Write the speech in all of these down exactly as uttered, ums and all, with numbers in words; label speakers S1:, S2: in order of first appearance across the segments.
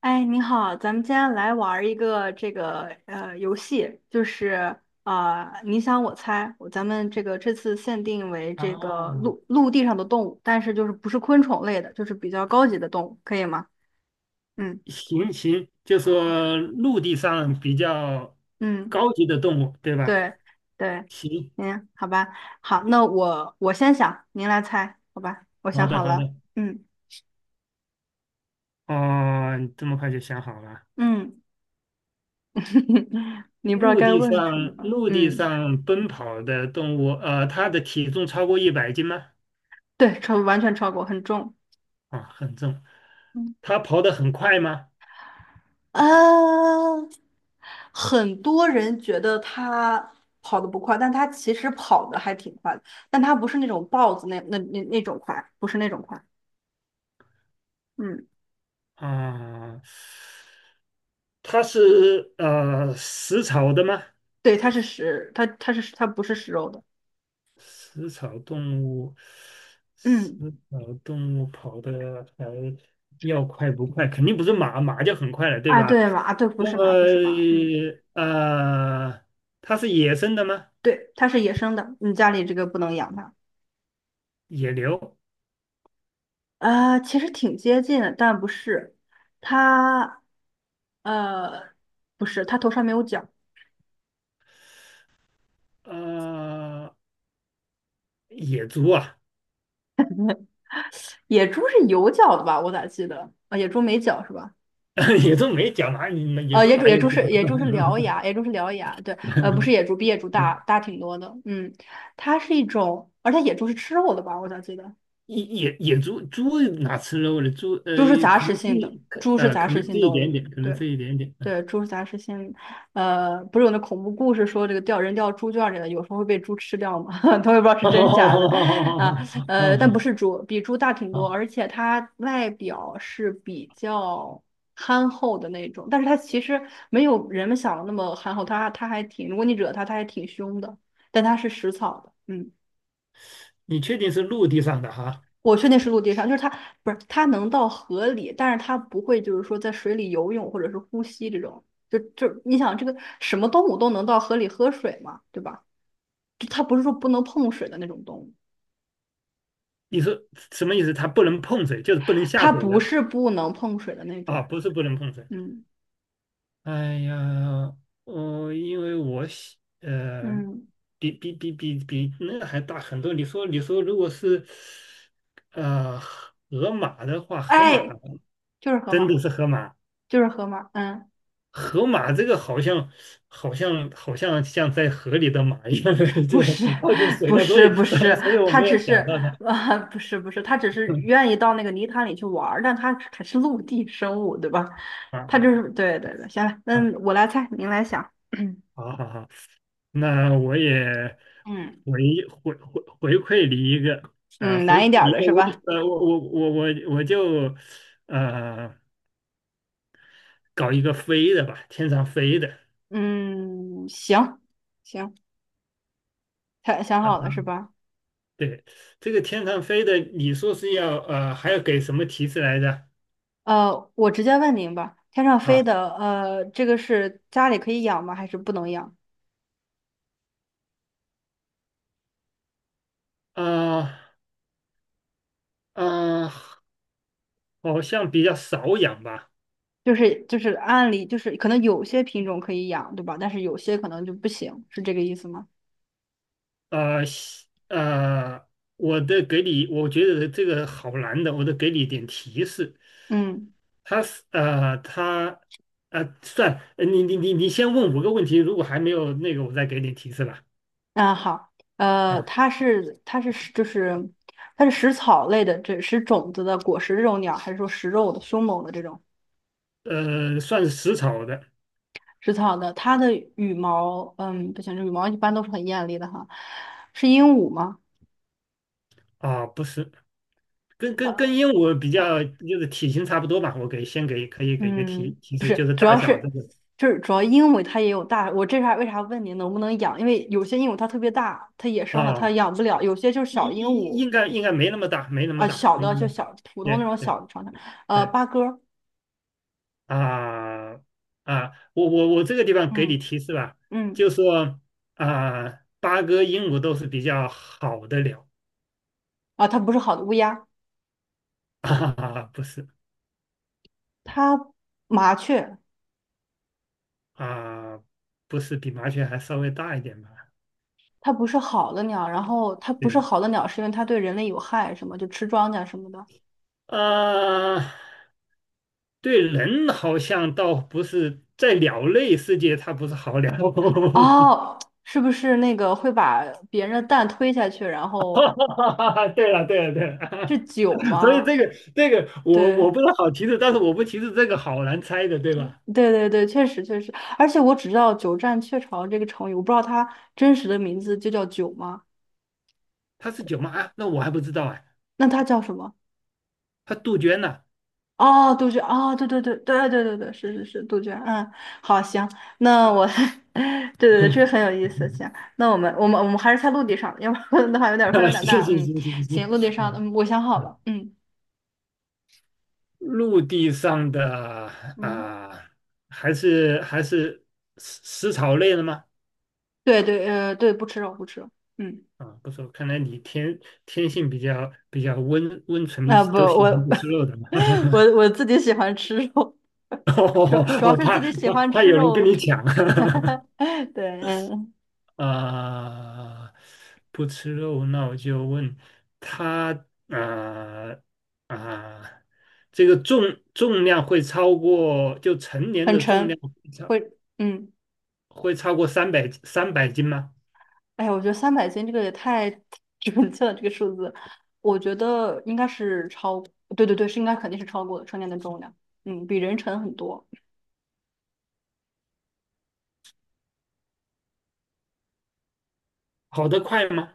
S1: 哎，你好，咱们今天来玩儿一个这个呃游戏，就是呃你想我猜，我咱们这个这次限定为这个
S2: 哦，
S1: 陆陆地上的动物，但是就是不是昆虫类的，就是比较高级的动物，可以吗？嗯。
S2: 行行，就
S1: 好，
S2: 说陆地上比较
S1: 嗯，
S2: 高级的动物，对吧？
S1: 对对，
S2: 行，
S1: 嗯，好吧。好，那我我先想，您来猜，好吧？我想
S2: 好的
S1: 好
S2: 好
S1: 了。
S2: 的，
S1: 嗯
S2: 哦，你这么快就想好了。
S1: 嗯。你不知道
S2: 陆
S1: 该
S2: 地
S1: 问什
S2: 上
S1: 么，
S2: 陆地
S1: 嗯。
S2: 上奔跑的动物，呃，它的体重超过一百斤吗？
S1: 对，超完全超过，很重。
S2: 啊，很重。它跑得很快吗？
S1: 嗯。很多人觉得它跑得不快，但它其实跑得还挺快的，但它不是那种豹子那那那那种快，不是那种快。嗯。
S2: 啊，它是呃食草的吗？
S1: 对，它是食，它它是它不是食肉的。
S2: 食草动物，食
S1: 嗯。
S2: 草动物跑的还要快不快？肯定不是马，马就很快了，对
S1: 啊，
S2: 吧？
S1: 对马，对，不
S2: 那
S1: 是
S2: 么
S1: 马，不是马。嗯。
S2: 呃，它是野生的吗？
S1: 对，它是野生的，你家里这个不能养它。
S2: 野牛？
S1: 啊，其实挺接近的，但不是。它，呃，不是，它头上没有角。
S2: 呃，野猪啊？
S1: 野猪是有角的吧？我咋记得？啊，野猪没角是吧？
S2: 野猪没脚哪里？野
S1: 呃，
S2: 猪
S1: 野猪
S2: 哪
S1: 野
S2: 有脚？
S1: 猪是野猪是獠牙，野猪是獠牙，对，呃，不是野猪，比野猪大大挺多的，嗯。它是一种，而且野猪是吃肉的吧？我咋记得。
S2: 野野野猪猪哪吃肉的？猪呃，
S1: 猪是杂
S2: 可
S1: 食
S2: 能吃
S1: 性的，
S2: 一可
S1: 猪是
S2: 呃，
S1: 杂
S2: 可
S1: 食
S2: 能吃
S1: 性
S2: 一
S1: 动
S2: 点点，
S1: 物，
S2: 可能
S1: 对。
S2: 吃一点点。嗯，
S1: 对，猪杂是先，呃，不是有那恐怖故事说这个掉人掉猪圈里了，有时候会被猪吃掉嘛，他也不知道 是
S2: 好哦
S1: 真
S2: 哦哦
S1: 是假的。啊，
S2: 哦哦哦哦
S1: 呃，但不
S2: 哦
S1: 是猪，比猪大挺多，而
S2: 哦。
S1: 且它外表是比较憨厚的那种，但是它其实没有人们想的那么憨厚，它它还挺，如果你惹它，它还挺凶的，但它是食草的，嗯。
S2: 你确定是陆地上的哈？
S1: 我确定是陆地上，就是它不是它能到河里，但是它不会就是说在水里游泳或者是呼吸这种。就就你想这个什么动物都能到河里喝水嘛，对吧？就它不是说不能碰水的那种动物。
S2: 你说什么意思？它不能碰水，就是不能下
S1: 它
S2: 水
S1: 不
S2: 的
S1: 是不能碰水的那
S2: 啊？
S1: 种。
S2: 不是不能碰水。
S1: 嗯
S2: 哎呀，我、因为我喜呃，
S1: 嗯。
S2: 比比比比比那个还大很多。你说你说，如果是呃河马的话，河马
S1: 哎，就是河
S2: 真
S1: 马，
S2: 的是河马，
S1: 就是河马。嗯。
S2: 河马这个好像好像好像像在河里的马一样，
S1: 不
S2: 这很
S1: 是，
S2: 靠近 水
S1: 不
S2: 了，所
S1: 是，
S2: 以
S1: 不是，
S2: 所以我
S1: 他
S2: 没
S1: 只
S2: 有想
S1: 是，
S2: 到它。
S1: 呃，不是，不是，他只是愿 意到那个泥潭里去玩儿，但他还是陆地生物，对吧？
S2: 啊
S1: 他
S2: 啊
S1: 就是，对对对，行了。
S2: 啊！
S1: 那我来猜，您来想，
S2: 好好好。那我也
S1: 嗯
S2: 回回回回馈你一个，呃，
S1: 嗯。
S2: 回馈
S1: 难一点儿
S2: 你一
S1: 的是
S2: 个，我就
S1: 吧？
S2: 呃，我我我我我就呃搞一个飞的吧，天上飞的
S1: 嗯，行行，他想
S2: 啊，
S1: 好了是吧？
S2: 对，这个天上飞的，你说是要呃还要给什么提示来着？
S1: 呃，我直接问您吧，天上飞
S2: 啊
S1: 的，呃，这个是家里可以养吗？还是不能养？
S2: 啊啊，好像比较少养吧，
S1: 就是就是按理就是可能有些品种可以养，对吧？但是有些可能就不行，是这个意思吗？
S2: 啊西呃，我的给你，我觉得这个好难的，我得给你一点提示。
S1: 嗯，
S2: 他是呃，他呃，算呃你你你你先问五个问题，如果还没有那个，我再给你提示吧。
S1: 那好。呃，
S2: 嗯，
S1: 它是它是就是它是食草类的，这食种子的果实这种鸟，还是说食肉的凶猛的这种
S2: 呃，算是食草的
S1: 食草的？它的羽毛，嗯，不行，这羽毛一般都是很艳丽的哈。是鹦鹉吗？
S2: 啊，不是，跟跟
S1: 呃
S2: 跟鹦鹉比较，就是体型差不多吧。我给先给可以给一个提
S1: 嗯，
S2: 提示，就是
S1: 主
S2: 大
S1: 要
S2: 小这
S1: 是
S2: 个
S1: 就是主要鹦鹉它也有大，我这啥为啥问你能不能养？因为有些鹦鹉它特别大，它野生的它
S2: 啊，
S1: 养不了，有些就是小
S2: 应
S1: 鹦
S2: 应
S1: 鹉
S2: 应该应该没那么大，没那么
S1: 啊、
S2: 大，
S1: 小
S2: 没
S1: 的
S2: 那
S1: 就
S2: 么大。
S1: 小普通那
S2: 对
S1: 种
S2: 对
S1: 小的长的。呃，
S2: 对
S1: 八哥。
S2: 啊啊，我我我这个地方给
S1: 嗯
S2: 你提示吧，
S1: 嗯。
S2: 就说啊，八哥、鹦鹉都是比较好的鸟。
S1: 啊，它不是好的乌鸦，
S2: 啊，不是
S1: 它麻雀，
S2: 啊，不是比麻雀还稍微大一点吧？
S1: 它不是好的鸟，然后它不是
S2: 对
S1: 好的鸟，是因为它对人类有害，什么就吃庄稼什么的。
S2: 啊，对人好像倒不是，在鸟类世界它不是好鸟。
S1: 哦，是不是那个会把别人的蛋推下去，然
S2: 哈
S1: 后
S2: 哈哈对了，对了，对
S1: 是
S2: 了，
S1: 酒
S2: 所以这
S1: 吗？
S2: 个这个我
S1: 对，
S2: 我不是好提示，但是我不提示这个好难猜的，对吧？
S1: 对对对，确实确实，而且我只知道"鸠占鹊巢"这个成语，我不知道它真实的名字就叫酒吗？
S2: 它是九妈啊那我还不知道啊，
S1: 那它叫什么？
S2: 它杜鹃呢、
S1: 哦，杜鹃，哦，对对对对对对对，是是是，杜鹃，嗯。好，行。那我，对对对，这个很有意思，行。那我们我们我们还是在陆地上，要不然 的话有点儿范围有点儿
S2: 谢
S1: 大。
S2: 谢
S1: 嗯，
S2: 谢谢
S1: 行，
S2: 行，
S1: 陆地上。
S2: 嗯
S1: 嗯，我想好了。嗯
S2: 陆地上的
S1: 嗯，
S2: 啊，还是还是食食草类的吗？
S1: 对对，呃，对，不吃肉，不吃肉。嗯。
S2: 啊，不错，看来你天天性比较比较温温存，
S1: 啊、不，
S2: 都喜
S1: 我
S2: 欢 不吃肉的嘛。
S1: 我我自己喜欢吃肉，主 主要
S2: 我
S1: 是
S2: 怕
S1: 自己喜
S2: 怕
S1: 欢
S2: 怕
S1: 吃
S2: 有人跟
S1: 肉，
S2: 你抢
S1: 对，嗯。
S2: 啊！不吃肉，那我就问他啊啊，这个重重量会超过就成年
S1: 很
S2: 的重
S1: 沉，
S2: 量会超
S1: 会。嗯。
S2: 会超过三百三百斤吗？
S1: 哎呀，我觉得三百斤这个也太 准确了，这个数字，我觉得应该是超，对对对，是应该肯定是超过了成年的重量。嗯，比人沉很多。
S2: 跑得快吗？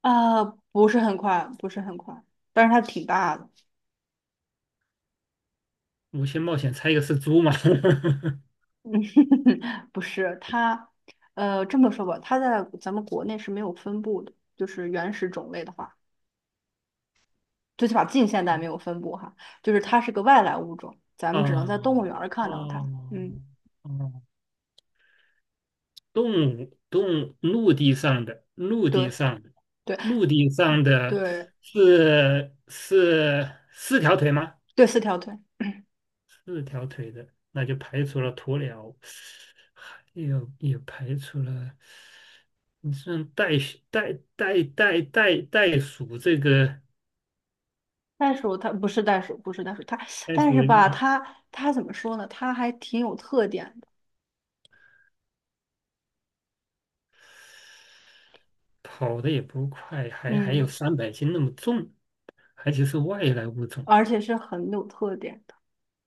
S1: 啊，不是很快，不是很快，但是它挺大的。
S2: 五星冒险猜一个是猪吗？
S1: 不是它，呃，这么说吧，它在咱们国内是没有分布的，就是原始种类的话，最起码近现代没有分布哈，就是它是个外来物种，咱们只能在动物
S2: 哦
S1: 园儿看到它，
S2: 哦
S1: 嗯。
S2: 哦，动物动物陆地上的陆
S1: 对
S2: 地上的
S1: 对
S2: 陆地上的
S1: 对
S2: 是是四条腿吗？
S1: 对，四条腿。
S2: 四条腿的，那就排除了鸵鸟，还有也排除了。你像袋鼠袋袋袋袋袋鼠这个
S1: 袋鼠它不是袋鼠，不是袋鼠，它
S2: 袋
S1: 但是
S2: 鼠，
S1: 吧，它它怎么说呢？它还挺有特点的。
S2: 跑的也不快，还还有
S1: 嗯，
S2: 三百斤那么重，而且是外来物种
S1: 而且是很有特点的。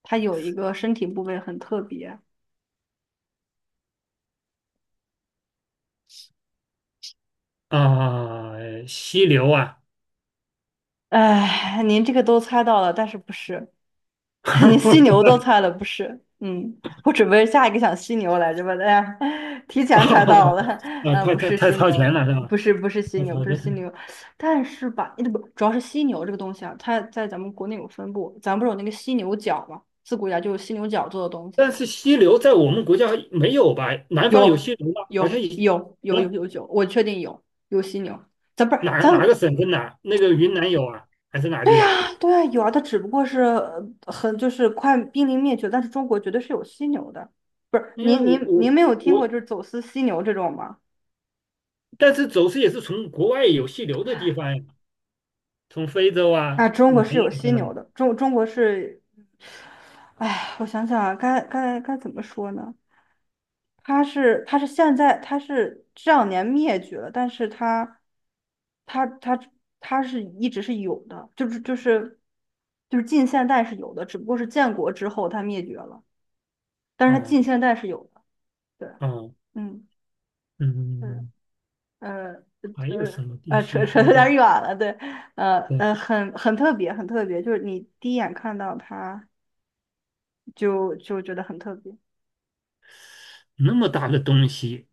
S1: 它有一个身体部位很特别。
S2: 啊，犀牛啊，
S1: 哎，您这个都猜到了，但是不是？你犀牛 都猜了不是？嗯，我准备下一个想犀牛来着吧，哎呀，提前猜到
S2: 哦
S1: 了。
S2: 啊，
S1: 嗯，
S2: 太
S1: 不
S2: 太
S1: 是
S2: 太
S1: 犀
S2: 超前
S1: 牛，
S2: 了是吧？
S1: 不是不是犀
S2: 太
S1: 牛，
S2: 超
S1: 不是
S2: 前
S1: 犀
S2: 了。
S1: 牛。但是吧，那不主要是犀牛这个东西啊，它在咱们国内有分布，咱不是有那个犀牛角嘛，自古以来就有犀牛角做的东西。
S2: 但是犀牛在我们国家没有吧？南方有
S1: 有
S2: 犀牛吗？好像
S1: 有
S2: 也，
S1: 有有有
S2: 啊，
S1: 有有，我确定有有犀牛，咱不是
S2: 哪
S1: 咱
S2: 哪个省份哪？那个云南有啊，还是哪个地方？
S1: 对啊，有啊。它只不过是呃很就是快濒临灭绝，但是中国绝对是有犀牛的，不是？
S2: 因为
S1: 您
S2: 我
S1: 您您
S2: 我
S1: 没有听过
S2: 我，
S1: 就是走私犀牛这种吗？
S2: 但是走私也是从国外有犀牛的地方呀，从非洲啊、
S1: 啊，中
S2: 南
S1: 国是有
S2: 亚
S1: 犀
S2: 什么的。
S1: 牛的，中中国是。哎，我想想啊，该该该怎么说呢？它是它是现在它是这两年灭绝了，但是它它它它是一直是有的，就是就是就是近现代是有的，只不过是建国之后它灭绝了，但是它
S2: 哦
S1: 近现代是有的。对。
S2: 哦，
S1: 嗯，是，
S2: 嗯。
S1: 呃，
S2: 还有什
S1: 呃，
S2: 么东
S1: 呃，
S2: 西？
S1: 扯扯
S2: 还
S1: 得
S2: 有
S1: 有
S2: 个
S1: 点远了，对，呃，
S2: 对，
S1: 呃，很很特别，很特别，就是你第一眼看到它就就觉得很特别。
S2: 那么大的东西，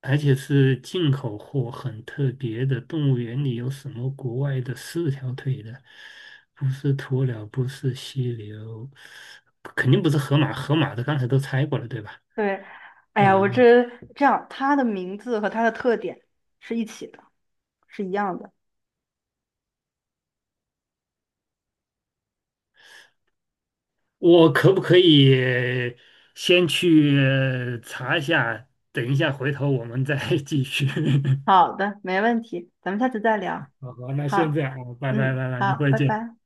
S2: 而且是进口货，很特别的。动物园里有什么国外的四条腿的？不是鸵鸟，不是犀牛，肯定不是河马。河马的刚才都猜过了，对吧？
S1: 对，哎呀，我
S2: 嗯，
S1: 这这样，它的名字和它的特点是一起的，是一样的。
S2: 我可不可以先去呃查一下？等一下，回头我们再 继续。
S1: 好的，没问题，咱们下次再聊。
S2: 好好，那现
S1: 好，
S2: 在样啊，拜拜
S1: 嗯，
S2: 拜拜，一
S1: 好，
S2: 会儿
S1: 拜
S2: 见。
S1: 拜。